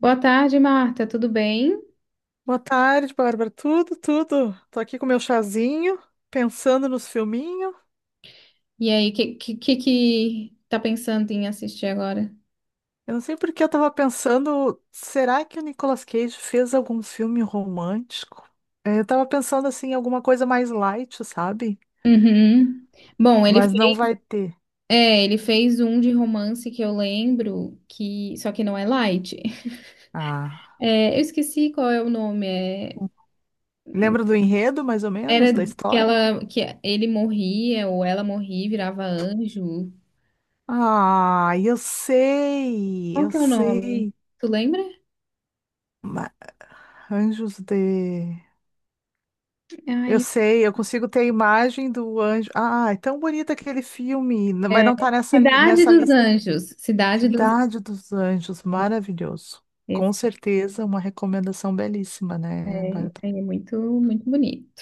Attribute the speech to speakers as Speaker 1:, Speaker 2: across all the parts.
Speaker 1: Boa tarde, Marta. Tudo bem?
Speaker 2: Boa tarde, Bárbara. Tudo. Tô aqui com meu chazinho, pensando nos filminhos.
Speaker 1: E aí, o que que tá pensando em assistir agora?
Speaker 2: Eu não sei por que eu tava pensando, será que o Nicolas Cage fez algum filme romântico? Eu tava pensando assim, em alguma coisa mais light, sabe?
Speaker 1: Uhum. Bom, ele
Speaker 2: Mas não
Speaker 1: fez,
Speaker 2: vai ter.
Speaker 1: ele fez um de romance que eu lembro, que só que não é light.
Speaker 2: Ah,
Speaker 1: É, eu esqueci qual é o nome.
Speaker 2: lembra do enredo, mais ou
Speaker 1: Era
Speaker 2: menos, da
Speaker 1: que
Speaker 2: história?
Speaker 1: ela, que ele morria ou ela morria e virava anjo.
Speaker 2: Ah, eu sei,
Speaker 1: Qual
Speaker 2: eu
Speaker 1: que é o nome?
Speaker 2: sei.
Speaker 1: Tu lembra?
Speaker 2: Ma- Anjos de... Eu
Speaker 1: Ai,
Speaker 2: sei, eu consigo ter a imagem do anjo. Ah, é tão bonito aquele filme, mas
Speaker 1: é,
Speaker 2: não tá nessa,
Speaker 1: Cidade
Speaker 2: nessa
Speaker 1: dos
Speaker 2: lista aqui.
Speaker 1: Anjos. Cidade dos Anjos.
Speaker 2: Cidade dos Anjos, maravilhoso. Com
Speaker 1: Esse,
Speaker 2: certeza, uma recomendação belíssima, né,
Speaker 1: é,
Speaker 2: Bárbara?
Speaker 1: esse aí é muito, muito bonito.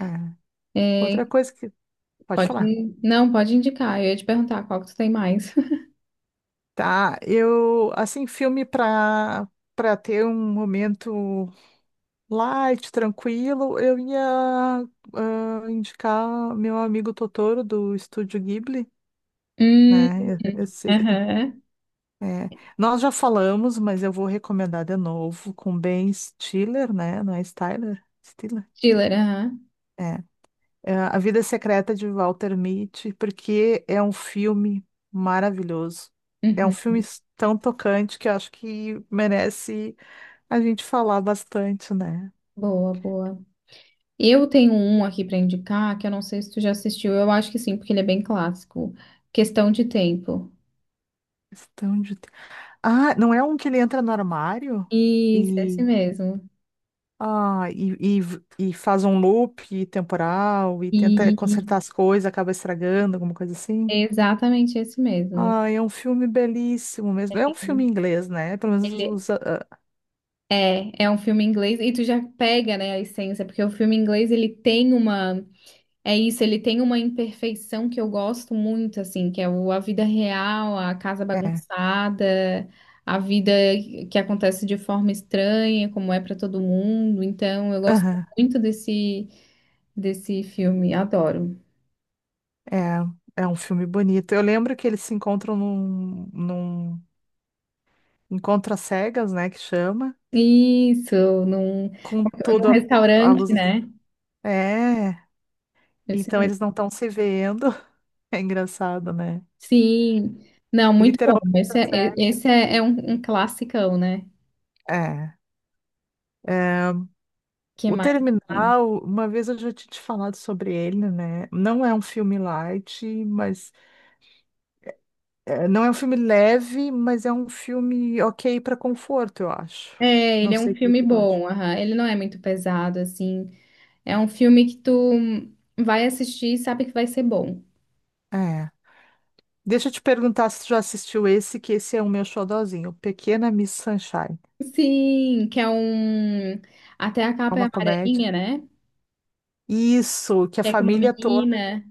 Speaker 2: É. Outra coisa que... Pode
Speaker 1: Pode,
Speaker 2: falar.
Speaker 1: não, pode indicar. Eu ia te perguntar qual que tu tem mais.
Speaker 2: Tá, eu... Assim, filme para para ter um momento light, tranquilo, eu ia indicar meu amigo Totoro do Estúdio Ghibli,
Speaker 1: Hum,
Speaker 2: né? Eu sei que... tu...
Speaker 1: aham.
Speaker 2: É, nós já falamos, mas eu vou recomendar de novo com Ben Stiller, né? Não é Styler? Stiller?
Speaker 1: Thriller, aham.
Speaker 2: É. É, A Vida Secreta de Walter Mitty, porque é um filme maravilhoso. É um
Speaker 1: Uhum.
Speaker 2: filme tão tocante que eu acho que merece a gente falar bastante, né?
Speaker 1: Boa, boa. Eu tenho um aqui pra indicar que eu não sei se tu já assistiu. Eu acho que sim, porque ele é bem clássico. Questão de Tempo.
Speaker 2: Questão de... Ah, não é um que ele entra no armário
Speaker 1: Isso, esse
Speaker 2: e,
Speaker 1: mesmo.
Speaker 2: ah, e faz um loop temporal e tenta consertar
Speaker 1: E
Speaker 2: as coisas, acaba estragando, alguma coisa assim?
Speaker 1: é exatamente esse mesmo.
Speaker 2: Ai, é um filme belíssimo mesmo. É um filme inglês, né? Pelo menos
Speaker 1: Ele
Speaker 2: os, ah,
Speaker 1: é, é um filme inglês e tu já pega, né, a essência, porque o filme inglês ele tem uma. É isso, ele tem uma imperfeição que eu gosto muito, assim, que é a vida real, a casa
Speaker 2: ah, é.
Speaker 1: bagunçada, a vida que acontece de forma estranha, como é para todo mundo. Então, eu gosto
Speaker 2: Aham,
Speaker 1: muito desse filme, adoro.
Speaker 2: é, é um filme bonito. Eu lembro que eles se encontram num encontro às cegas, né? Que chama,
Speaker 1: Isso, num,
Speaker 2: com
Speaker 1: num
Speaker 2: tudo a
Speaker 1: restaurante,
Speaker 2: luz.
Speaker 1: né?
Speaker 2: É,
Speaker 1: Esse
Speaker 2: então
Speaker 1: mesmo.
Speaker 2: eles não estão se vendo. É engraçado, né?
Speaker 1: Sim, não, muito bom.
Speaker 2: Literalmente às cegas.
Speaker 1: Esse é, é um, um classicão, né?
Speaker 2: É. É.
Speaker 1: Que
Speaker 2: O
Speaker 1: mais tem?
Speaker 2: Terminal, uma vez eu já tinha te falado sobre ele, né? Não é um filme light, mas... É, não é um filme leve, mas é um filme ok para conforto, eu acho.
Speaker 1: É, ele
Speaker 2: Não
Speaker 1: é um
Speaker 2: sei o que
Speaker 1: filme
Speaker 2: tu acha.
Speaker 1: bom, aham. Ele não é muito pesado, assim. É um filme que tu vai assistir e sabe que vai ser bom.
Speaker 2: É. Deixa eu te perguntar se tu já assistiu esse, que esse é o meu xodózinho, Pequena Miss Sunshine.
Speaker 1: Sim, que é um. Até a
Speaker 2: É
Speaker 1: capa é
Speaker 2: uma comédia.
Speaker 1: amarelinha, né?
Speaker 2: Isso, que a
Speaker 1: Que é com uma
Speaker 2: família toda...
Speaker 1: menina.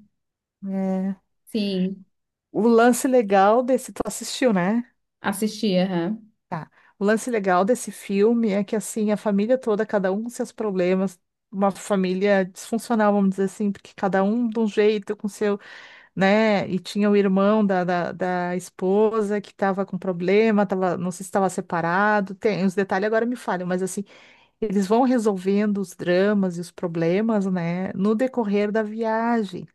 Speaker 2: É.
Speaker 1: Sim,
Speaker 2: O lance legal desse... Tu assistiu, né?
Speaker 1: assisti, aham.
Speaker 2: Tá. O lance legal desse filme é que, assim, a família toda, cada um com seus problemas, uma família disfuncional, vamos dizer assim, porque cada um de um jeito, com seu... né? E tinha o irmão da esposa que estava com problema, tava, não sei se estava separado, tem os detalhes agora me falham, mas assim, eles vão resolvendo os dramas e os problemas, né, no decorrer da viagem.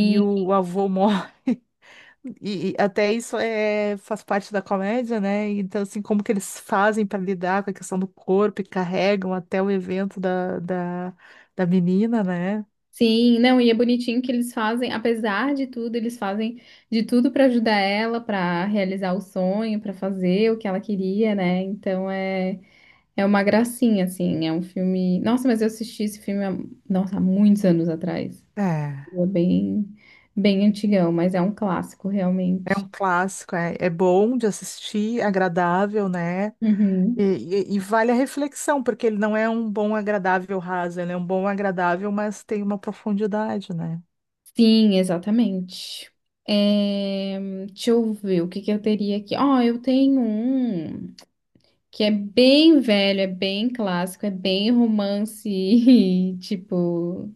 Speaker 2: E o avô morre, e até isso é, faz parte da comédia, né? Então, assim, como que eles fazem para lidar com a questão do corpo e carregam até o evento da menina, né?
Speaker 1: sim, não, e é bonitinho que eles fazem, apesar de tudo, eles fazem de tudo pra ajudar ela, pra realizar o sonho, pra fazer o que ela queria, né? Então é, é uma gracinha, assim, é um filme. Nossa, mas eu assisti esse filme há, nossa, há muitos anos atrás.
Speaker 2: É.
Speaker 1: É bem, bem antigão, mas é um clássico
Speaker 2: É
Speaker 1: realmente.
Speaker 2: um clássico, é, é bom de assistir, agradável, né? E,
Speaker 1: Uhum.
Speaker 2: e vale a reflexão, porque ele não é um bom agradável raso, ele é um bom agradável, mas tem uma profundidade, né?
Speaker 1: Sim, exatamente. É, deixa eu ver o que que eu teria aqui. Ó, eu tenho um que é bem velho, é bem clássico, é bem romance, tipo,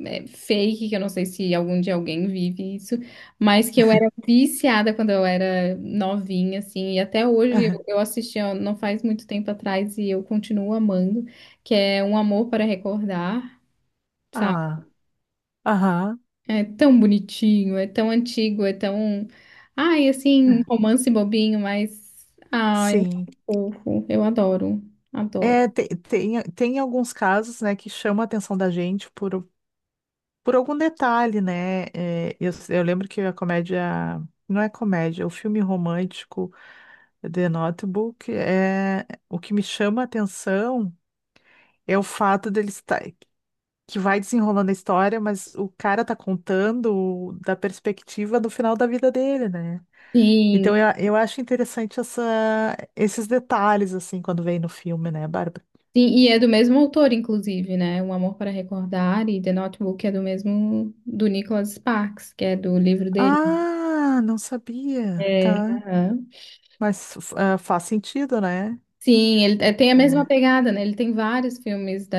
Speaker 1: é, fake, que eu não sei se algum dia alguém vive isso, mas que eu era viciada quando eu era novinha, assim, e até hoje eu assisti ó, não faz muito tempo atrás e eu continuo amando, que é Um Amor para Recordar, sabe?
Speaker 2: Ah, aham,
Speaker 1: É tão bonitinho, é tão antigo, é tão. Ai, assim, romance bobinho, mas. Ai, é
Speaker 2: sim.
Speaker 1: tão fofo. Eu adoro, adoro.
Speaker 2: É, tem, tem, alguns casos, né, que chamam a atenção da gente por algum detalhe, né? É, eu lembro que a comédia... Não é comédia, é o filme romântico The Notebook é o que me chama a atenção. É o fato dele estar que vai desenrolando a história, mas o cara tá contando da perspectiva do final da vida dele, né?
Speaker 1: Sim,
Speaker 2: Então eu acho interessante essa, esses detalhes, assim, quando vem no filme, né, Bárbara?
Speaker 1: sim, e é do mesmo autor, inclusive, né? Um Amor para Recordar e The Notebook é do mesmo do Nicholas Sparks, que é do livro dele.
Speaker 2: Ah, não sabia,
Speaker 1: É,
Speaker 2: tá?
Speaker 1: aham.
Speaker 2: Mas ah, faz sentido, né?
Speaker 1: Sim, tem a mesma
Speaker 2: É,
Speaker 1: pegada, né? Ele tem vários filmes da,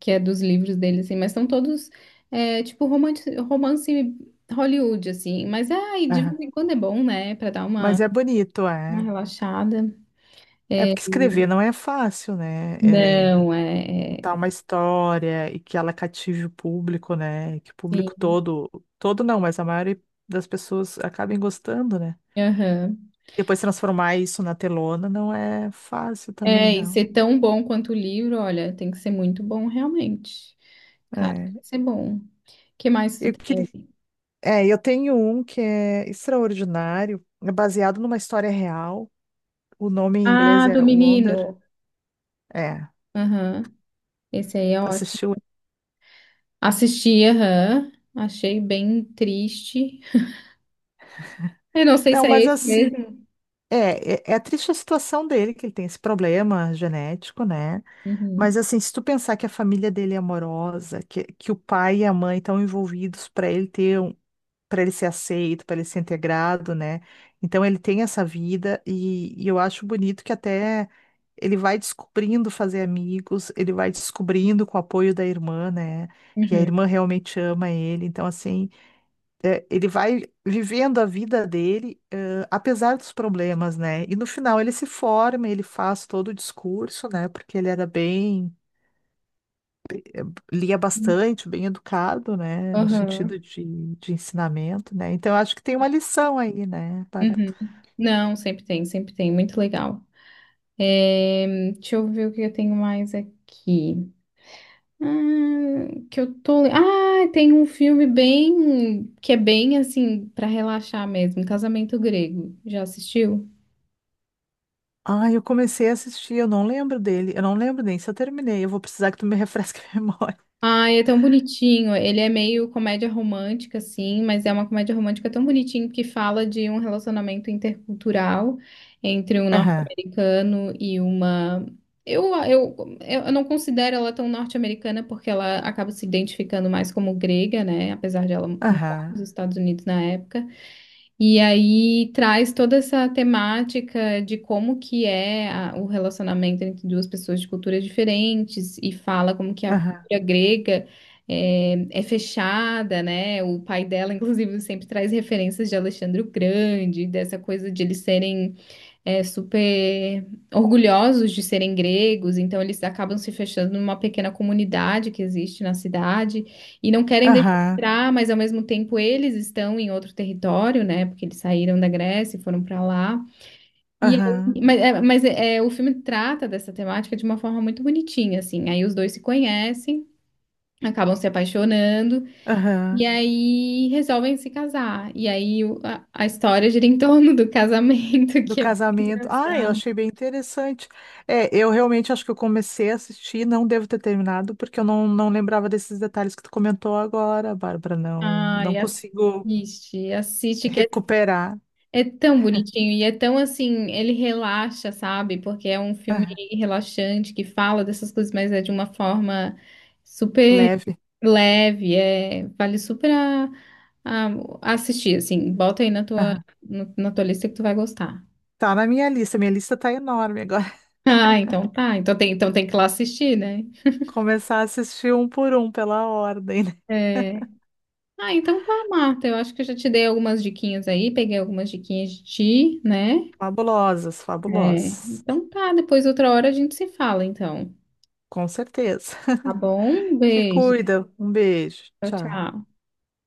Speaker 1: que é dos livros dele, assim, mas são todos é, tipo romance, romance Hollywood, assim. Mas ai, de vez
Speaker 2: aham.
Speaker 1: em quando é bom, né? Pra dar
Speaker 2: Mas é bonito,
Speaker 1: uma
Speaker 2: é.
Speaker 1: relaxada.
Speaker 2: É
Speaker 1: É,
Speaker 2: porque escrever não é fácil, né?
Speaker 1: não, é. É,
Speaker 2: Contar uma história e que ela cative o público, né? Que o público
Speaker 1: sim,
Speaker 2: todo, todo não, mas a maioria das pessoas acabem gostando, né?
Speaker 1: aham.
Speaker 2: Depois transformar isso na telona não é fácil também,
Speaker 1: É, e
Speaker 2: não.
Speaker 1: ser tão bom quanto o livro, olha, tem que ser muito bom realmente. Cara, tem
Speaker 2: É,
Speaker 1: que ser bom. O que mais tu
Speaker 2: eu queria,
Speaker 1: tem?
Speaker 2: é, eu tenho um que é extraordinário, é baseado numa história real. O nome em inglês
Speaker 1: Ah, do
Speaker 2: é Wonder.
Speaker 1: menino.
Speaker 2: É,
Speaker 1: Aham. Esse aí é
Speaker 2: tu
Speaker 1: ótimo.
Speaker 2: assistiu?
Speaker 1: Assisti, aham. Achei bem triste. Eu não sei se
Speaker 2: Não,
Speaker 1: é
Speaker 2: mas
Speaker 1: esse
Speaker 2: assim,
Speaker 1: mesmo.
Speaker 2: é triste a situação dele, que ele tem esse problema genético, né? Mas
Speaker 1: Uhum.
Speaker 2: assim, se tu pensar que a família dele é amorosa, que o pai e a mãe estão envolvidos para ele ter um, para ele ser aceito, para ele ser integrado, né? Então ele tem essa vida e eu acho bonito que até ele vai descobrindo fazer amigos, ele vai descobrindo com o apoio da irmã, né? E a
Speaker 1: Uhum.
Speaker 2: irmã realmente ama ele. Então, assim, é, ele vai vivendo a vida dele, eh, apesar dos problemas, né? E no final ele se forma, ele faz todo o discurso, né? Porque ele era bem... lia bastante, bem educado, né, no sentido
Speaker 1: Aham.
Speaker 2: de ensinamento, né? Então eu acho que tem uma lição aí, né, Bárbara?
Speaker 1: Uhum. Não, sempre tem, sempre tem. Muito legal. É, deixa eu ver o que eu tenho mais aqui. Ah, que eu tô. Ah, tem um filme bem. Que é bem assim, pra relaxar mesmo. Casamento Grego. Já assistiu?
Speaker 2: Ah, eu comecei a assistir, eu não lembro dele, eu não lembro nem se eu terminei, eu vou precisar que tu me refresque a memória.
Speaker 1: Ai, é tão bonitinho. Ele é meio comédia romântica, assim, mas é uma comédia romântica tão bonitinho que fala de um relacionamento intercultural entre um
Speaker 2: Aham,
Speaker 1: norte-americano e uma. Eu, eu, eu não considero ela tão norte-americana porque ela acaba se identificando mais como grega, né? Apesar de ela morar
Speaker 2: aham,
Speaker 1: nos Estados Unidos na época. E aí traz toda essa temática de como que é o relacionamento entre duas pessoas de culturas diferentes e fala como que a
Speaker 2: aham,
Speaker 1: cultura grega é, é fechada, né? O pai dela, inclusive, sempre traz referências de Alexandre o Grande, dessa coisa de eles serem é, super orgulhosos de serem gregos, então eles acabam se fechando numa pequena comunidade que existe na cidade e não querem deixar
Speaker 2: aham,
Speaker 1: entrar, mas ao mesmo tempo eles estão em outro território, né? Porque eles saíram da Grécia e foram para lá.
Speaker 2: aham,
Speaker 1: Mas é, é, o filme trata dessa temática de uma forma muito bonitinha, assim. Aí os dois se conhecem. Acabam se apaixonando e
Speaker 2: aham.
Speaker 1: aí resolvem se casar. E aí a história gira em torno do casamento,
Speaker 2: Do
Speaker 1: que é muito
Speaker 2: casamento. Ah, eu
Speaker 1: engraçado.
Speaker 2: achei bem interessante. É, eu realmente acho que eu comecei a assistir, não devo ter terminado, porque eu não lembrava desses detalhes que tu comentou agora, Bárbara. Não, não
Speaker 1: Ai,
Speaker 2: consigo
Speaker 1: assiste, assiste que é,
Speaker 2: recuperar.
Speaker 1: é tão bonitinho e é tão assim, ele relaxa, sabe? Porque é um filme relaxante que fala dessas coisas, mas é de uma forma super
Speaker 2: Leve.
Speaker 1: leve, é, vale super a- a assistir, assim, bota aí na tua,
Speaker 2: Aham.
Speaker 1: na tua lista que tu vai gostar.
Speaker 2: Tá na minha lista. Minha lista tá enorme agora.
Speaker 1: Ah, então tá, então tem que ir lá assistir, né?
Speaker 2: Começar a assistir um por um pela ordem, né?
Speaker 1: É. Ah, então tá, Marta, eu acho que eu já te dei algumas diquinhas aí, peguei algumas diquinhas de ti, né?
Speaker 2: Fabulosas,
Speaker 1: É.
Speaker 2: fabulosas.
Speaker 1: Então tá, depois outra hora a gente se fala, então.
Speaker 2: Com certeza.
Speaker 1: Tá bom? Um
Speaker 2: Te
Speaker 1: beijo.
Speaker 2: cuida. Um beijo.
Speaker 1: Tchau,
Speaker 2: Tchau.
Speaker 1: tchau.